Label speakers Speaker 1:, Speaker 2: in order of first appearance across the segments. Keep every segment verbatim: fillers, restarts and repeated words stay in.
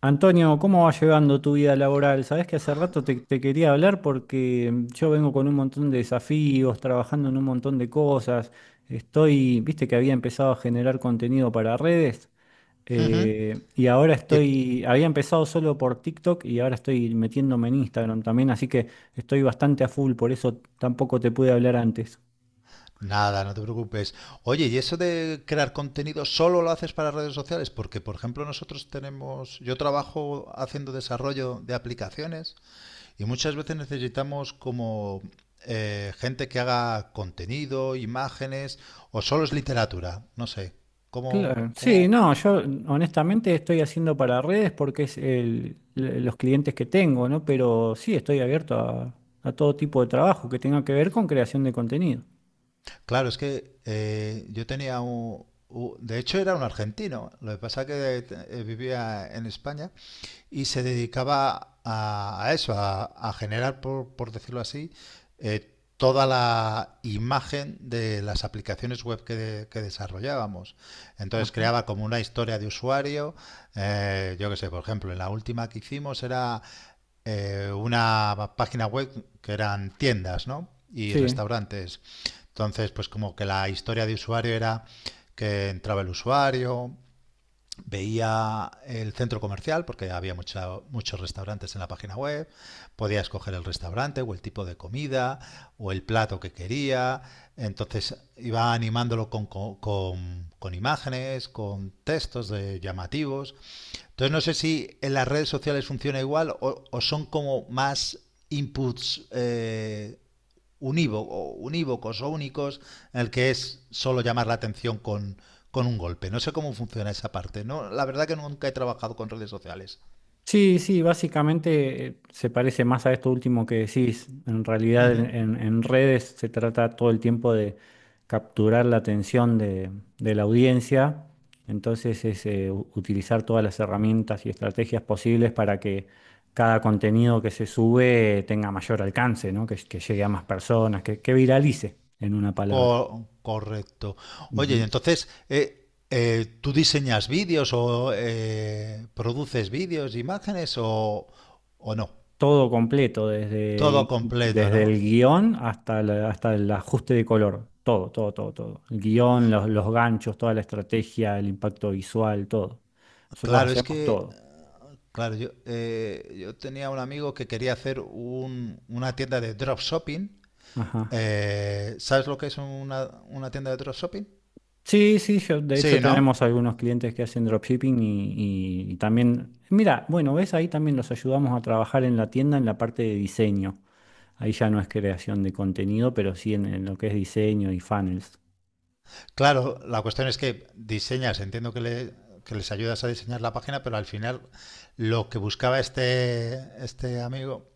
Speaker 1: Antonio, ¿cómo va llevando tu vida laboral? Sabés que hace rato te, te quería hablar porque mm, yo vengo con un montón de desafíos, trabajando en un montón de cosas. Estoy, viste que había empezado a generar contenido para redes eh, y ahora
Speaker 2: Y-
Speaker 1: estoy, había empezado solo por TikTok y ahora estoy metiéndome en Instagram también, así que estoy bastante a full, por eso tampoco te pude hablar antes.
Speaker 2: Nada, no te preocupes. Oye, ¿y eso de crear contenido solo lo haces para redes sociales? Porque, por ejemplo, nosotros tenemos, yo trabajo haciendo desarrollo de aplicaciones y muchas veces necesitamos como eh, gente que haga contenido, imágenes, o solo es literatura, no sé. ¿Cómo,
Speaker 1: Claro. Sí,
Speaker 2: cómo?
Speaker 1: no, yo honestamente estoy haciendo para redes porque es el, l- los clientes que tengo, ¿no? Pero sí, estoy abierto a, a todo tipo de trabajo que tenga que ver con creación de contenido.
Speaker 2: Claro, es que eh, yo tenía un, u- de hecho era un argentino, lo que pasa que eh, vivía en España y se dedicaba a, a eso, a, a generar, por, por decirlo así, eh, toda la imagen de las aplicaciones web que, de- que desarrollábamos. Entonces
Speaker 1: Ajá.
Speaker 2: creaba como una historia de usuario, eh, yo qué sé, por ejemplo, en la última que hicimos era eh, una página web que eran tiendas, ¿no? Y
Speaker 1: Sí.
Speaker 2: restaurantes. Entonces, pues como que la historia de usuario era que entraba el usuario, veía el centro comercial porque había mucha, muchos restaurantes en la página web, podía escoger el restaurante o el tipo de comida o el plato que quería, entonces iba animándolo con, con, con- imágenes, con textos de llamativos. Entonces no sé si en las redes sociales funciona igual o, o son como más inputs eh, unívoco unívocos o únicos en el que es solo llamar la atención con, con un golpe. No sé cómo funciona esa parte. No, la verdad que nunca he trabajado con redes sociales.
Speaker 1: Sí, sí, básicamente eh, se parece más a esto último que decís. En realidad en,
Speaker 2: Ujú.
Speaker 1: en- en redes se trata todo el tiempo de capturar la atención de, de la audiencia. Entonces es eh, u- utilizar todas las herramientas y estrategias posibles para que cada contenido que se sube eh, tenga mayor alcance, ¿no? Que, que llegue a más personas, que, que viralice, en una palabra.
Speaker 2: Co- correcto. Oye, y entonces, eh, eh, ¿tú diseñas vídeos o eh, produces vídeos, imágenes o, o no?
Speaker 1: Todo completo,
Speaker 2: Todo
Speaker 1: desde,
Speaker 2: completo,
Speaker 1: desde
Speaker 2: ¿no?
Speaker 1: el guión hasta, la- hasta el ajuste de color. Todo, todo, todo, todo. El guión, los, los ganchos, toda la estrategia, el impacto visual, todo. Nosotros
Speaker 2: Claro, es
Speaker 1: hacemos
Speaker 2: que,
Speaker 1: todo.
Speaker 2: claro, yo, eh, yo tenía un amigo que quería hacer un- una tienda de dropshipping.
Speaker 1: Ajá.
Speaker 2: Eh, ¿Sabes lo que es una, una tienda de dropshipping?
Speaker 1: Sí, sí, yo- de hecho
Speaker 2: Sí, ¿no?
Speaker 1: tenemos algunos clientes que hacen dropshipping y, y- y también, mira, bueno, ves, ahí también los ayudamos a trabajar en la tienda en la parte de diseño. Ahí ya no es creación de contenido, pero sí en en lo que es diseño y funnels.
Speaker 2: Claro, la cuestión es que diseñas, entiendo que, le- que les ayudas a diseñar la página, pero al final lo que buscaba este, este amigo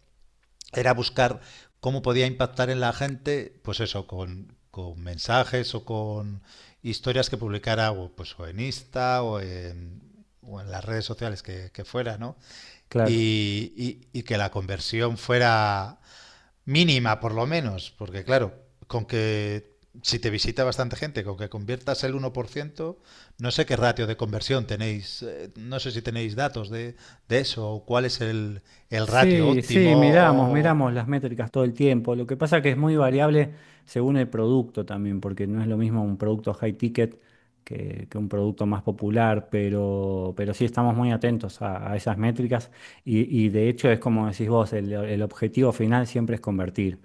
Speaker 2: era buscar cómo podía impactar en la gente, pues eso, con, con mensajes o con historias que publicara o, pues, o en Insta o en, o en las redes sociales que, que fuera, ¿no?
Speaker 1: Claro.
Speaker 2: Y, y- y que la conversión fuera mínima, por lo menos, porque claro, con que si te visita bastante gente, con que conviertas el uno por ciento, no sé qué ratio de conversión tenéis, eh, no sé si tenéis datos de, de eso, o cuál es el, el ratio
Speaker 1: Sí,
Speaker 2: óptimo,
Speaker 1: sí, miramos, miramos
Speaker 2: o
Speaker 1: las métricas todo el tiempo. Lo que pasa que es muy variable según el producto también, porque no es lo mismo un producto high ticket que, que un producto más popular, pero, pero sí estamos muy atentos a, a esas métricas y, y de hecho es como decís vos, el, el objetivo final siempre es convertir.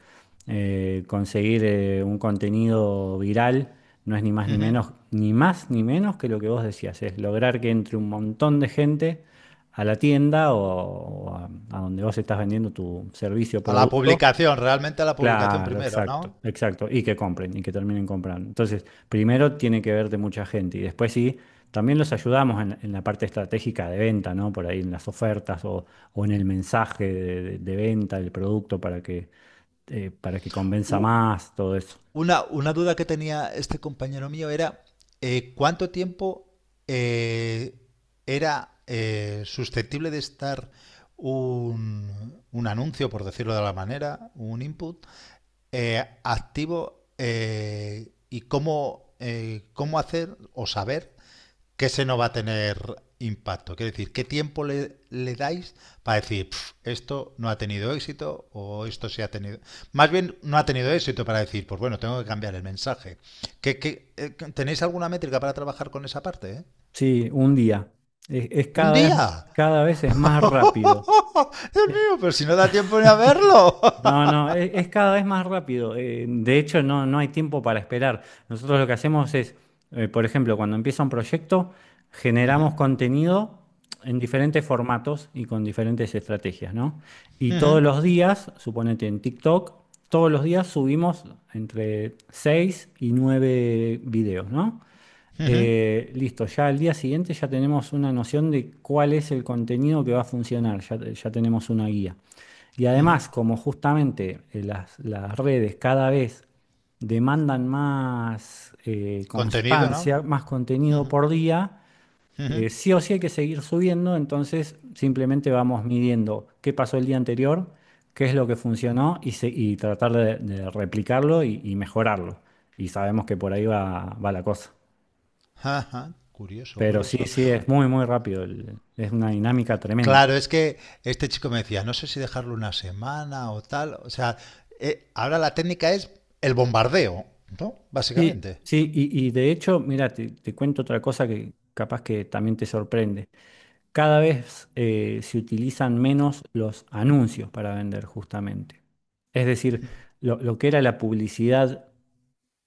Speaker 1: Eh, conseguir eh, un contenido viral no es ni más ni
Speaker 2: ujú.
Speaker 1: menos, ni más ni menos que lo que vos decías, es lograr que entre un montón de gente a la tienda o, o a, a donde vos estás vendiendo tu servicio o
Speaker 2: A la
Speaker 1: producto.
Speaker 2: publicación, realmente a la publicación
Speaker 1: Claro,
Speaker 2: primero,
Speaker 1: exacto,
Speaker 2: ¿no?
Speaker 1: exacto. Y que compren y que terminen comprando. Entonces, primero tiene que verte mucha gente y después sí, también los ayudamos en, en la parte estratégica de venta, ¿no? Por ahí en las ofertas o, o en el mensaje de, de- de venta del producto para que, eh, para que convenza
Speaker 2: U-
Speaker 1: más, todo eso.
Speaker 2: Una, una duda que tenía este compañero mío era eh, cuánto tiempo eh, era eh, susceptible de estar un, un anuncio, por decirlo de la manera, un input eh, activo, eh, y cómo, eh, cómo hacer o saber que ese no va a tener impacto. Quiero decir, ¿qué tiempo le, le dais para decir esto no ha tenido éxito o esto sí ha tenido? Más bien, no ha tenido éxito para decir, pues bueno, tengo que cambiar el mensaje. ¿Qué, qué- eh, tenéis alguna métrica para trabajar con esa parte? ¿Eh?
Speaker 1: Sí, un día. Es, es
Speaker 2: ¿Un
Speaker 1: cada vez,
Speaker 2: día?
Speaker 1: cada vez es más rápido.
Speaker 2: Dios
Speaker 1: Es-
Speaker 2: mío, pero si no da tiempo ni a verlo.
Speaker 1: No, no, e- es, cada vez más rápido. eh, de hecho, no, no hay tiempo para esperar. Nosotros lo que hacemos es, eh, por ejemplo, cuando empieza un proyecto,
Speaker 2: Ujú,
Speaker 1: generamos contenido en diferentes formatos y con diferentes estrategias, ¿no? Y
Speaker 2: ujú,
Speaker 1: todos los días, suponete en TikTok, todos los días subimos entre seis y nueve videos, ¿no?
Speaker 2: ujú,
Speaker 1: Eh, listo, ya al día siguiente ya tenemos una noción de cuál es el contenido que va a funcionar, ya ya tenemos una guía. Y
Speaker 2: ujú.
Speaker 1: además, como justamente eh, las, las redes cada vez demandan más eh,
Speaker 2: Contenido, ¿no?
Speaker 1: constancia, más contenido por día,
Speaker 2: Ujú.
Speaker 1: eh, sí o sí hay que seguir subiendo, entonces simplemente vamos midiendo qué pasó el día anterior, qué es lo que funcionó y, se- y tratar de, de replicarlo y, y mejorarlo. Y sabemos que por ahí va, va la cosa.
Speaker 2: Ajá, curioso,
Speaker 1: Pero sí,
Speaker 2: curioso.
Speaker 1: sí, es muy, muy rápido, el- es una dinámica tremenda.
Speaker 2: Claro, es que este chico me decía, no sé si dejarlo una semana o tal. O sea, eh, ahora la técnica es el bombardeo, ¿no?
Speaker 1: Sí,
Speaker 2: Básicamente.
Speaker 1: sí, y, y de hecho, mira, te, te cuento otra cosa que capaz que también te sorprende. Cada vez eh, se utilizan menos los anuncios para vender, justamente. Es decir, lo, lo que era la publicidad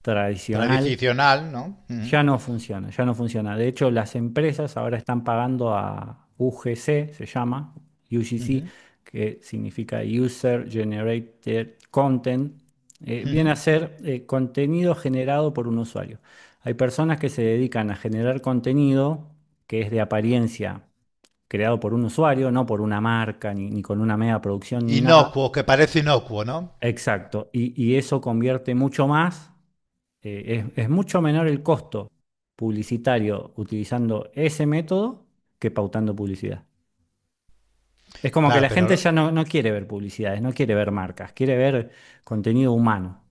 Speaker 1: tradicional.
Speaker 2: Tradicional, ¿no? Ujú,
Speaker 1: Ya no funciona, ya no funciona. De hecho, las empresas ahora están pagando a U G C, se llama, U G C,
Speaker 2: ujú,
Speaker 1: que significa User Generated Content. Eh, viene
Speaker 2: ujú.
Speaker 1: a ser eh, contenido generado por un usuario. Hay personas que se dedican a generar contenido que es de apariencia creado por un usuario, no por una marca, ni, ni con una mega producción, ni nada.
Speaker 2: Inocuo, que parece inocuo, ¿no?
Speaker 1: Exacto. Y, y eso convierte mucho más eh, es, es mucho menor el costo publicitario utilizando ese método que pautando publicidad. Es como que
Speaker 2: Claro,
Speaker 1: la
Speaker 2: pero...
Speaker 1: gente
Speaker 2: lo-
Speaker 1: ya no, no quiere ver publicidades, no quiere ver marcas, quiere ver contenido humano.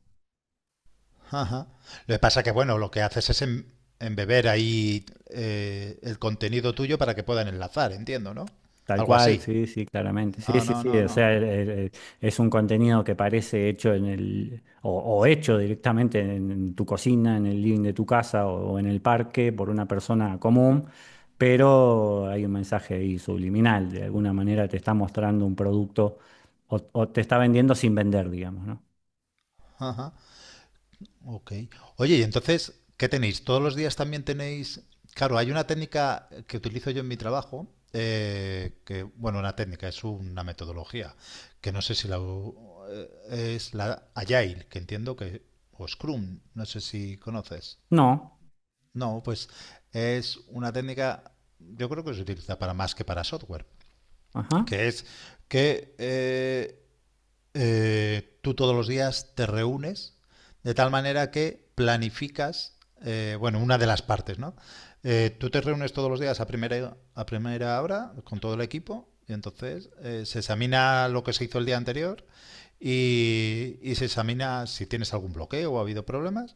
Speaker 2: ajá. Lo que pasa que, bueno, lo que haces es em- embeber ahí eh, el contenido tuyo para que puedan enlazar, entiendo, ¿no?
Speaker 1: Tal
Speaker 2: Algo
Speaker 1: cual,
Speaker 2: así.
Speaker 1: sí, sí, claramente. Sí,
Speaker 2: No,
Speaker 1: sí,
Speaker 2: no,
Speaker 1: sí,
Speaker 2: no,
Speaker 1: o
Speaker 2: no.
Speaker 1: sea, el- el- el- es un contenido que parece hecho en el, o, o hecho directamente en, en tu cocina, en el living de tu casa o, o en el parque por una persona común, pero hay un mensaje ahí subliminal, de alguna manera te está mostrando un producto o, o te está vendiendo sin vender, digamos, ¿no?
Speaker 2: Ajá. Ok. Oye, y entonces, ¿qué tenéis? ¿Todos los días también tenéis... Claro, hay una técnica que utilizo yo en mi trabajo, eh, que, bueno, una técnica, es una metodología, que no sé si la... u- eh, es la Agile, que entiendo que... O Scrum, no sé si conoces.
Speaker 1: No,
Speaker 2: No, pues es una técnica, yo creo que se utiliza para más que para software,
Speaker 1: ajá,
Speaker 2: que es que eh, eh, tú todos los días te reúnes de tal manera que planificas, eh, bueno, una de las partes, ¿no? Eh, tú te reúnes todos los días a primera, a primera hora con todo el equipo y entonces eh, se examina lo que se hizo el día anterior y, y se examina si tienes algún bloqueo o ha habido problemas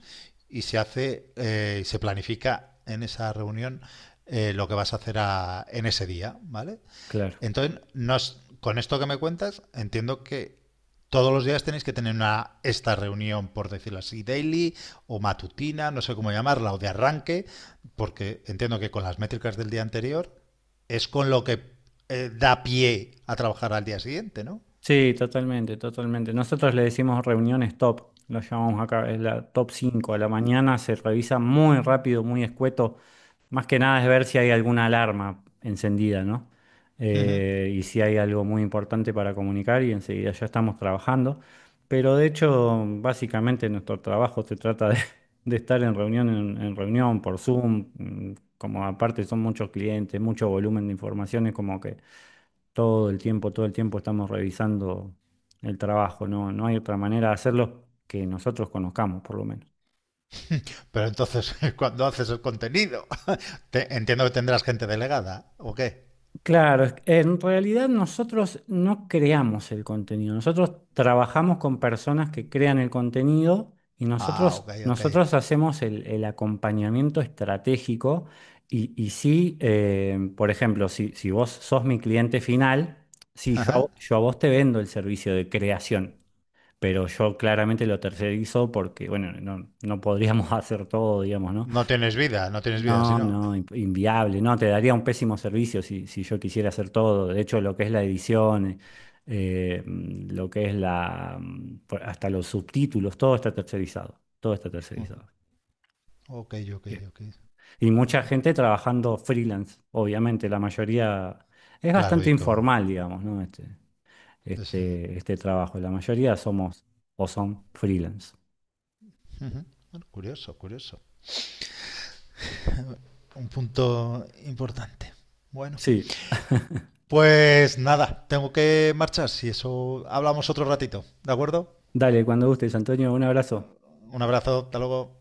Speaker 2: y se hace, eh, se planifica en esa reunión eh, lo que vas a hacer a- en ese día, ¿vale?
Speaker 1: claro.
Speaker 2: Entonces, nos, con esto que me cuentas, entiendo que todos los días tenéis que tener una esta reunión, por decirlo así, daily o matutina, no sé cómo llamarla, o de arranque, porque entiendo que con las métricas del día anterior es con lo que eh, da pie a trabajar al día siguiente, ¿no?
Speaker 1: Sí, totalmente, totalmente. Nosotros le decimos reuniones top, lo llamamos acá, es la top cinco. A la mañana se revisa muy rápido, muy escueto. Más que nada es ver si hay alguna alarma encendida, ¿no? Eh, y si hay algo muy importante para comunicar y enseguida ya estamos trabajando. Pero de hecho, básicamente nuestro trabajo se trata de, de estar en reunión, en, en reunión por Zoom, mm, como aparte son muchos clientes, mucho volumen de informaciones, como que todo el tiempo, todo el tiempo estamos revisando el trabajo, no, no hay otra manera de hacerlo que nosotros conozcamos, por lo menos.
Speaker 2: Pero entonces, cuando haces el contenido, te, entiendo que tendrás gente delegada, ¿o qué?
Speaker 1: Claro, es- en realidad nosotros no creamos el contenido, nosotros trabajamos con personas que crean el contenido y
Speaker 2: Ah,
Speaker 1: nosotros,
Speaker 2: ok, ok.
Speaker 1: nosotros hacemos el, el acompañamiento estratégico y, y sí, eh, por ejemplo, si, si vos sos mi cliente final, sí, yo a
Speaker 2: Ajá.
Speaker 1: vo- yo a vos te vendo el servicio de creación. Pero yo claramente lo tercerizo porque, bueno, no, no podríamos hacer todo, digamos, ¿no?
Speaker 2: No tienes vida, no tienes vida, si
Speaker 1: No,
Speaker 2: no.
Speaker 1: no, in- inviable, no, te daría un pésimo servicio si, si yo quisiera hacer todo. De hecho, lo que es la edición, eh, mm, lo que es la, mm, por- hasta los subtítulos, todo está tercerizado, todo está tercerizado.
Speaker 2: Ok, ok,
Speaker 1: Bien.
Speaker 2: ok.
Speaker 1: Y mucha
Speaker 2: Vale,
Speaker 1: gente trabajando freelance, obviamente, la mayoría es
Speaker 2: claro,
Speaker 1: bastante
Speaker 2: y con
Speaker 1: informal, digamos, ¿no? Este,
Speaker 2: esa-
Speaker 1: este, este trabajo, la mayoría somos o son freelance.
Speaker 2: ujú. Bueno, curioso, curioso. Un punto importante. Bueno,
Speaker 1: Sí.
Speaker 2: pues nada, tengo que marchar. Si eso hablamos otro ratito, ¿de acuerdo?
Speaker 1: Dale, cuando gustes, Antonio, un abrazo.
Speaker 2: Un abrazo, hasta luego.